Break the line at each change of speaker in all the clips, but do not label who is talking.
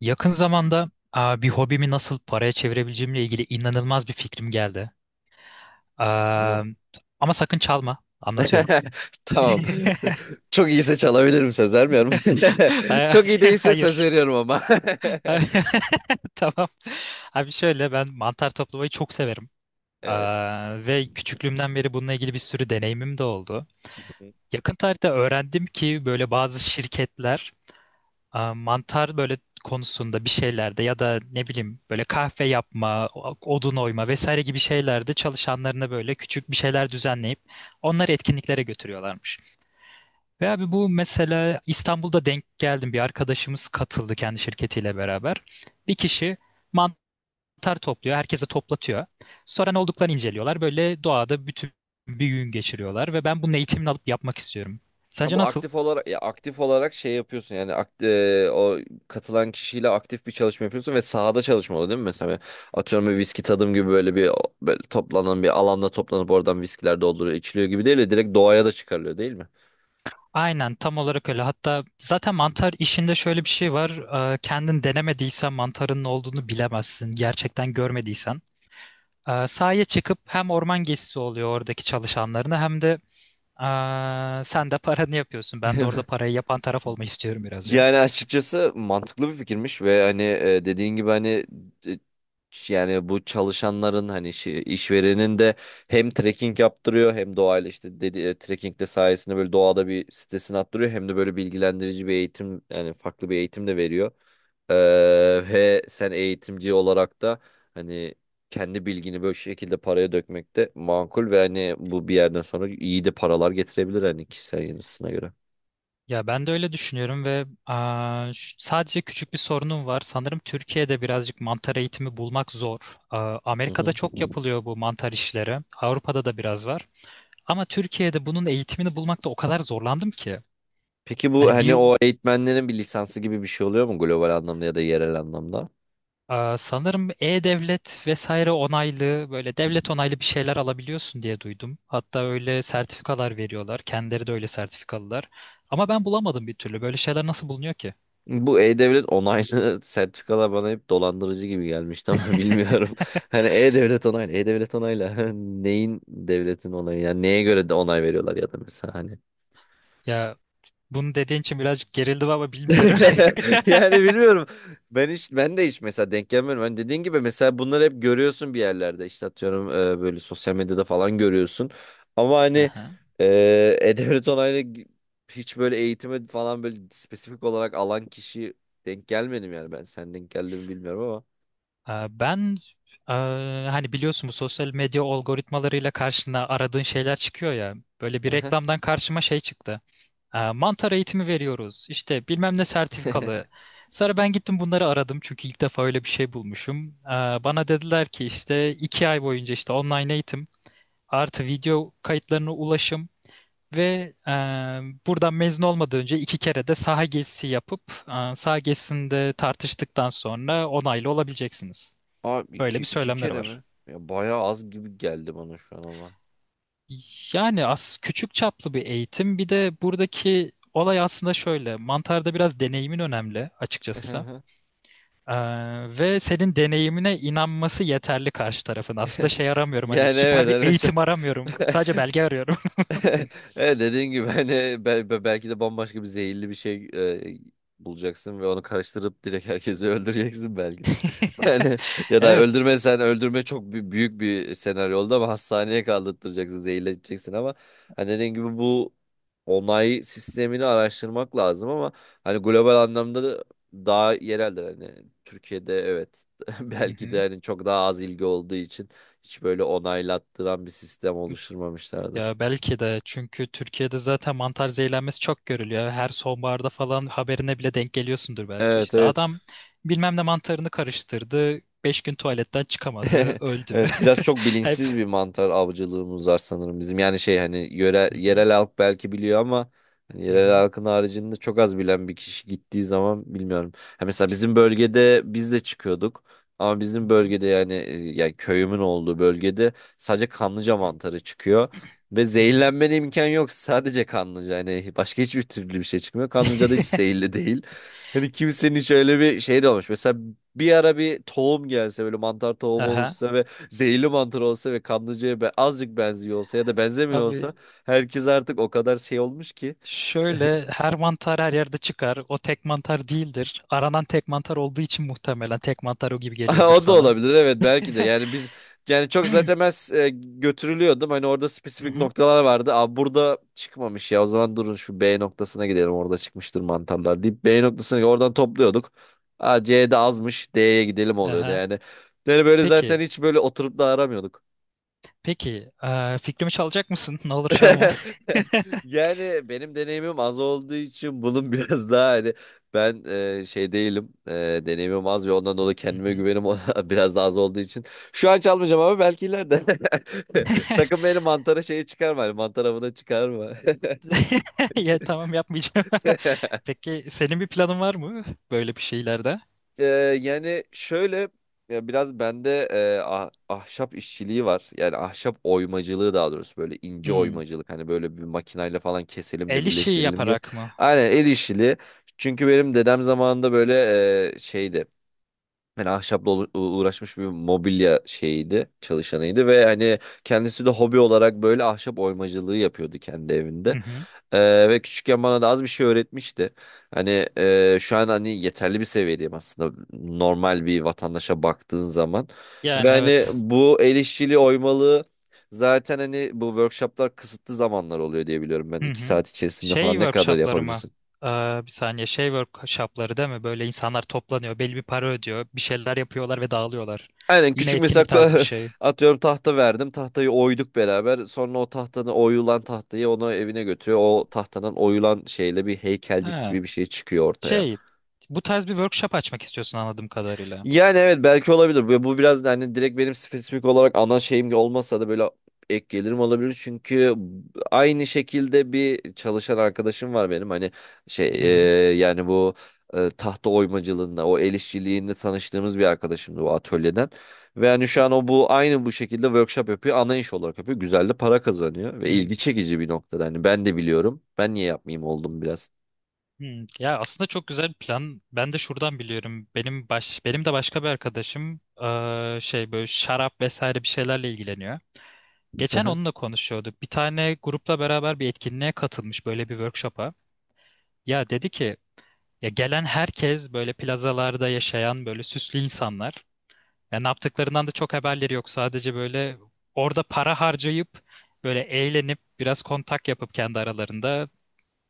Yakın zamanda bir hobimi nasıl paraya çevirebileceğimle ilgili inanılmaz bir fikrim geldi. Aa,
No.
ama sakın çalma. Anlatıyorum.
Tamam. Çok iyiyse çalabilirim, söz vermiyorum.
Ay-
Çok iyi değilse söz
Hayır.
veriyorum ama.
Tamam. Abi şöyle ben mantar toplamayı çok severim.
Evet.
Ve küçüklüğümden beri bununla ilgili bir sürü deneyimim de oldu. Yakın tarihte öğrendim ki böyle bazı şirketler mantar böyle konusunda bir şeylerde ya da ne bileyim böyle kahve yapma, odun oyma vesaire gibi şeylerde çalışanlarına böyle küçük bir şeyler düzenleyip onları etkinliklere götürüyorlarmış. Ve abi bu mesela İstanbul'da denk geldim, bir arkadaşımız katıldı kendi şirketiyle beraber. Bir kişi mantar topluyor, herkese toplatıyor. Sonra ne olduklarını inceliyorlar. Böyle doğada bütün bir gün geçiriyorlar ve ben bunun eğitimini alıp yapmak istiyorum.
Ha
Sence
bu
nasıl?
aktif olarak, ya aktif olarak şey yapıyorsun, yani o katılan kişiyle aktif bir çalışma yapıyorsun ve sahada çalışma oluyor değil mi? Mesela atıyorum bir viski tadım gibi böyle bir, böyle toplanan bir alanda toplanıp oradan viskiler dolduruyor, içiliyor gibi değil de direkt doğaya da çıkarılıyor değil mi?
Aynen, tam olarak öyle. Hatta zaten mantar işinde şöyle bir şey var. Kendin denemediysen mantarın ne olduğunu bilemezsin. Gerçekten görmediysen. Sahaya çıkıp hem orman gezisi oluyor oradaki çalışanlarına, hem de sen de paranı yapıyorsun. Ben de orada parayı yapan taraf olmak istiyorum
Yani
birazcık.
açıkçası mantıklı bir fikirmiş ve hani dediğin gibi hani e, yani bu çalışanların hani işverenin de hem trekking yaptırıyor, hem doğayla işte dedi trekking de sayesinde böyle doğada bir stresini attırıyor, hem de böyle bilgilendirici bir eğitim, yani farklı bir eğitim de veriyor. Ee, Ve sen eğitimci olarak da hani kendi bilgini böyle şekilde paraya dökmek de makul ve hani bu bir yerden sonra iyi de paralar getirebilir hani kişisel yanısına göre.
Ya ben de öyle düşünüyorum ve sadece küçük bir sorunum var. Sanırım Türkiye'de birazcık mantar eğitimi bulmak zor.
Hı
Amerika'da
hı.
çok yapılıyor bu mantar işleri. Avrupa'da da biraz var. Ama Türkiye'de bunun eğitimini bulmakta o kadar zorlandım ki.
Peki bu
Hani
hani
bir
o eğitmenlerin bir lisansı gibi bir şey oluyor mu global anlamda ya da yerel anlamda?
sanırım E-Devlet vesaire onaylı, böyle devlet onaylı bir şeyler alabiliyorsun diye duydum. Hatta öyle sertifikalar veriyorlar. Kendileri de öyle sertifikalılar. Ama ben bulamadım bir türlü. Böyle şeyler nasıl bulunuyor ki?
Bu E-Devlet onaylı sertifikalar bana hep dolandırıcı gibi gelmişti ama bilmiyorum. Hani E-Devlet onaylı, E-Devlet onaylı. Neyin, devletin onayı? Yani neye göre de onay veriyorlar, ya da mesela hani.
Ya bunu dediğin için birazcık gerildim ama bilmiyorum.
Yani bilmiyorum. Ben de hiç mesela denk gelmiyorum. Hani dediğin gibi mesela bunları hep görüyorsun bir yerlerde. İşte atıyorum böyle sosyal medyada falan görüyorsun. Ama hani
Aha.
e, e Onay'la gi- hiç böyle eğitime falan böyle spesifik olarak alan kişi denk gelmedim yani ben. Sen denk geldi mi bilmiyorum ama.
Ben e, hani biliyorsun, bu sosyal medya algoritmalarıyla karşına aradığın şeyler çıkıyor ya. Böyle bir
Aha.
reklamdan karşıma şey çıktı. Mantar eğitimi veriyoruz. İşte bilmem ne sertifikalı. Sonra ben gittim bunları aradım, çünkü ilk defa öyle bir şey bulmuşum. Bana dediler ki işte 2 ay boyunca işte online eğitim artı video kayıtlarına ulaşım ve buradan mezun olmadan önce 2 kere de saha gezisi yapıp saha gezisinde tartıştıktan sonra onaylı olabileceksiniz.
Abi
Böyle
iki,
bir
iki
söylemleri
kere
var.
mi? Ya bayağı az gibi geldi bana şu an ama.
Yani az, küçük çaplı bir eğitim. Bir de buradaki olay aslında şöyle. Mantarda biraz deneyimin önemli açıkçası. Ee, ve senin deneyimine inanması yeterli karşı tarafın. Aslında şey aramıyorum, hani
Yani evet,
süper bir
hani mesela
eğitim aramıyorum. Sadece belge arıyorum.
evet, dediğin gibi hani belki de bambaşka bir zehirli bir şey bulacaksın ve onu karıştırıp direkt herkesi öldüreceksin belki de. Yani ya da
Evet.
öldürmesen, öldürme çok büyük bir senaryo oldu ama, hastaneye kaldırtıracaksın, zehirleteceksin ama hani dediğin gibi bu onay sistemini araştırmak lazım ama hani global anlamda da daha yereldir, hani Türkiye'de, evet,
Hı
belki de
hı.
hani çok daha az ilgi olduğu için hiç böyle onaylattıran bir sistem oluşturmamışlardır.
Ya belki de, çünkü Türkiye'de zaten mantar zehirlenmesi çok görülüyor. Her sonbaharda falan haberine bile denk geliyorsundur belki,
Evet,
işte.
evet.
Adam bilmem ne mantarını karıştırdı. 5 gün tuvaletten çıkamadı. Öldü.
Evet, biraz çok
Hep.
bilinçsiz bir mantar avcılığımız var sanırım bizim. Yani şey hani yöre,
Hı hı,
yerel halk belki biliyor ama hani
hı
yerel
hı,
halkın haricinde çok az bilen bir kişi gittiği zaman bilmiyorum. Ha mesela bizim bölgede biz de çıkıyorduk. Ama
hı
bizim
hı,
bölgede yani yani köyümün olduğu bölgede sadece kanlıca
hı hı,
mantarı çıkıyor. Ve
hı hı.
zehirlenmene imkan yok. Sadece kanlıca. Yani başka hiçbir türlü bir şey çıkmıyor. Kanlıca da hiç zehirli değil. Hani kimsenin şöyle bir şey de olmuş. Mesela bir ara bir tohum gelse, böyle mantar tohum
Aha.
oluşsa ve zehirli mantar olsa ve kanlıcaya be azıcık benziyor olsa ya da benzemiyor
Abi
olsa, herkes artık o kadar şey olmuş ki.
şöyle, her mantar her yerde çıkar. O tek mantar değildir. Aranan tek mantar olduğu için muhtemelen tek mantar o gibi geliyordur
O da
sana.
olabilir evet, belki de. Yani biz, yani çok zaten ben e, götürülüyordum. Hani orada
Hı
spesifik
hı.
noktalar vardı. Aa, burada çıkmamış ya. O zaman durun, şu B noktasına gidelim. Orada çıkmıştır mantarlar, deyip B noktasına, oradan topluyorduk. Aa, C'de azmış, D'ye gidelim oluyordu
Aha.
yani. Yani böyle zaten
Peki.
hiç böyle oturup da aramıyorduk.
Peki. Fikrimi çalacak mısın? Ne olur çalma.
Yani benim deneyimim az olduğu için bunun biraz daha hani ben şey değilim, deneyimim az ve ondan dolayı
Hı
kendime
hı.
güvenim biraz daha az olduğu için şu an çalmayacağım, ama belki ileride sakın beni mantara şeyi çıkarma, hani mantar avına çıkarma.
Ya tamam, yapmayacağım. Peki senin bir planın var mı böyle bir şeylerde?
Ee, yani şöyle, ya biraz bende ahşap işçiliği var. Yani ahşap oymacılığı daha doğrusu, böyle ince
Hmm.
oymacılık. Hani böyle bir makinayla falan keselim de
El işi
birleştirelim gibi.
yaparak mı?
Aynen, el işçiliği. Çünkü benim dedem zamanında böyle şeydi. Yani ahşapla uğraşmış, bir mobilya şeyiydi, çalışanıydı ve hani kendisi de hobi olarak böyle ahşap oymacılığı yapıyordu kendi
Hı
evinde.
hı.
Ve küçükken bana da az bir şey öğretmişti. Hani şu an hani yeterli bir seviyedeyim aslında normal bir vatandaşa baktığın zaman. Ve
Yani
hani
evet.
bu el işçiliği oymalığı, zaten hani bu workshoplar kısıtlı zamanlar oluyor diye biliyorum ben.
Hı
İki
hı.
saat içerisinde
Şey
falan ne kadar
workshopları mı?
yapabilirsin?
Ee, bir saniye, şey workshopları değil mi? Böyle insanlar toplanıyor, belli bir para ödüyor, bir şeyler yapıyorlar ve dağılıyorlar.
Aynen,
Yine
küçük mesela
etkinlik tarzı bir şey.
atıyorum tahta verdim. Tahtayı oyduk beraber. Sonra o tahtanın oyulan tahtayı onu evine götürüyor. O tahtadan oyulan şeyle bir heykelcik
Ha,
gibi bir şey çıkıyor ortaya.
şey, bu tarz bir workshop açmak istiyorsun anladığım kadarıyla.
Yani evet, belki olabilir. Bu biraz da hani direkt benim spesifik olarak ana şeyim olmasa da böyle ek gelirim olabilir. Çünkü aynı şekilde bir çalışan arkadaşım var benim. Hani şey
Hı
yani bu tahta oymacılığında, o el işçiliğinde tanıştığımız bir arkadaşımdı bu atölyeden. Ve hani şu an o bu aynı bu şekilde workshop yapıyor. Ana iş olarak yapıyor. Güzel de para kazanıyor ve
hı.
ilgi çekici bir noktada. Hani ben de biliyorum. Ben niye yapmayayım oldum biraz.
Hmm, ya aslında çok güzel bir plan. Ben de şuradan biliyorum. Benim de başka bir arkadaşım şey, böyle şarap vesaire bir şeylerle ilgileniyor. Geçen onunla konuşuyorduk. Bir tane grupla beraber bir etkinliğe katılmış, böyle bir workshop'a. Ya dedi ki, ya gelen herkes böyle plazalarda yaşayan böyle süslü insanlar. Ya ne yaptıklarından da çok haberleri yok. Sadece böyle orada para harcayıp böyle eğlenip, biraz kontak yapıp kendi aralarında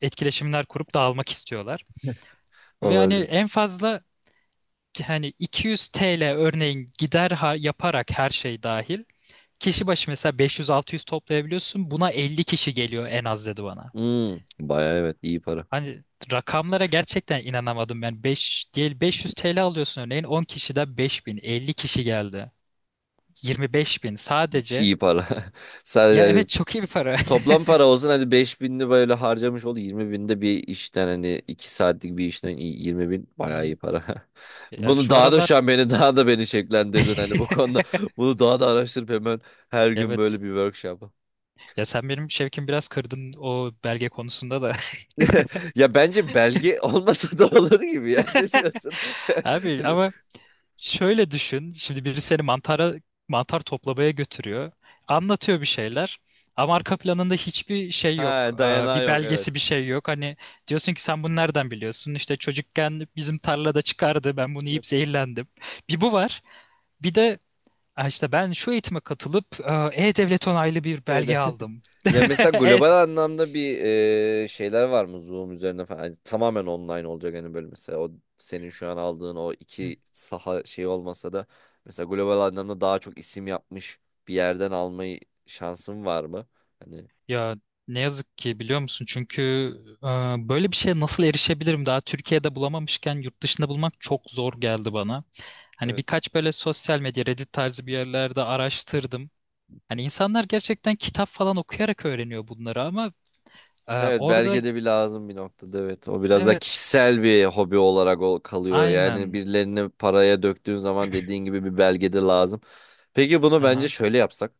etkileşimler kurup dağılmak istiyorlar. Ve hani
Olabilir.
en fazla hani 200 TL örneğin gider yaparak, her şey dahil kişi başı mesela 500-600 toplayabiliyorsun. Buna 50 kişi geliyor en az, dedi bana.
Hmm, bayağı evet, iyi para.
Hani rakamlara gerçekten inanamadım ben. 5 değil 500 TL alıyorsun örneğin, 10 kişiden 5.000, 50 kişi geldi, 25.000 sadece.
İyi para. Sadece,
Ya evet,
evet.
çok iyi bir para.
Toplam para olsun hadi, 5000'li böyle harcamış ol, 20 binde bir işten, hani 2 saatlik bir işten iyi, 20 bin
Hı
bayağı iyi
hı.
para.
Ya
Bunu
şu
daha da şu
aralar
an beni, daha da beni şekillendirdin hani bu konuda, bunu daha da araştırıp hemen her gün
evet.
böyle bir workshop.
Ya sen benim şevkimi biraz kırdın o belge konusunda da.
Ya bence belge olmasa da olur gibi, ya ne diyorsun?
Abi
Hani,
ama şöyle düşün. Şimdi biri seni mantar toplamaya götürüyor. Anlatıyor bir şeyler. Ama arka planında hiçbir şey yok.
ha dayanağı
Bir
yok, evet.
belgesi, bir şey yok. Hani diyorsun ki, sen bunu nereden biliyorsun? İşte çocukken bizim tarlada çıkardı. Ben bunu yiyip
Evet.
zehirlendim. Bir, bu var. Bir de "Ha işte ben şu eğitime katılıp E-Devlet onaylı bir belge
Evet.
aldım."
Ya mesela
Evet.
global anlamda bir şeyler var mı, Zoom üzerine falan? Hani tamamen online olacak, hani böyle mesela o senin şu an aldığın o iki saha şey olmasa da, mesela global anlamda daha çok isim yapmış bir yerden almayı, şansın var mı? Hani,
Ya ne yazık ki, biliyor musun? Çünkü e, böyle bir şeye nasıl erişebilirim? Daha Türkiye'de bulamamışken yurt dışında bulmak çok zor geldi bana. Hani
evet.
birkaç böyle sosyal medya, Reddit tarzı bir yerlerde araştırdım. Hani insanlar gerçekten kitap falan okuyarak öğreniyor bunları, ama
Evet,
orada.
belgede bir lazım bir noktada, evet. O biraz da
Evet,
kişisel bir hobi olarak ol kalıyor. Yani
aynen.
birilerini paraya döktüğün zaman dediğin gibi bir belgede lazım. Peki bunu bence
Aha.
şöyle yapsak.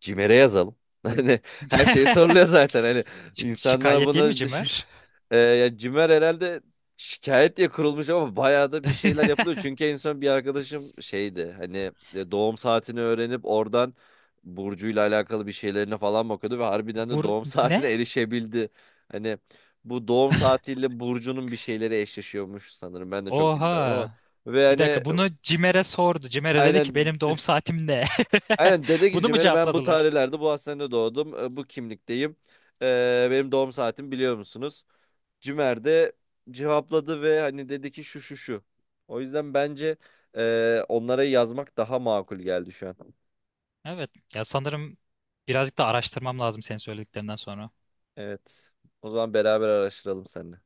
Cimer'e yazalım. Hani her şeyi soruluyor zaten. Hani
Şi-
insanlar
şikayet değil mi
bunu
Cimer?
Ya Cimer herhalde şikayet diye kurulmuş ama bayağı da bir şeyler yapılıyor. Çünkü en son bir arkadaşım şeydi, hani doğum saatini öğrenip oradan Burcu'yla alakalı bir şeylerine falan bakıyordu ve harbiden de
Bu
doğum
ne?
saatine erişebildi. Hani bu doğum saatiyle Burcu'nun bir şeyleri eşleşiyormuş sanırım, ben de çok bilmiyorum ama.
Oha.
Ve
Bir
hani
dakika, bunu Cimer'e sordu. Cimer'e dedi ki,
aynen
benim doğum saatim ne?
aynen dedi ki
Bunu mu
Cimer'e, ben bu
cevapladılar?
tarihlerde bu hastanede doğdum, bu kimlikteyim. Benim doğum saatimi biliyor musunuz? Cimer de cevapladı ve hani dedi ki şu, şu, şu. O yüzden bence onlara yazmak daha makul geldi şu an.
Evet. Ya sanırım birazcık da araştırmam lazım senin söylediklerinden sonra.
Evet. O zaman beraber araştıralım seninle.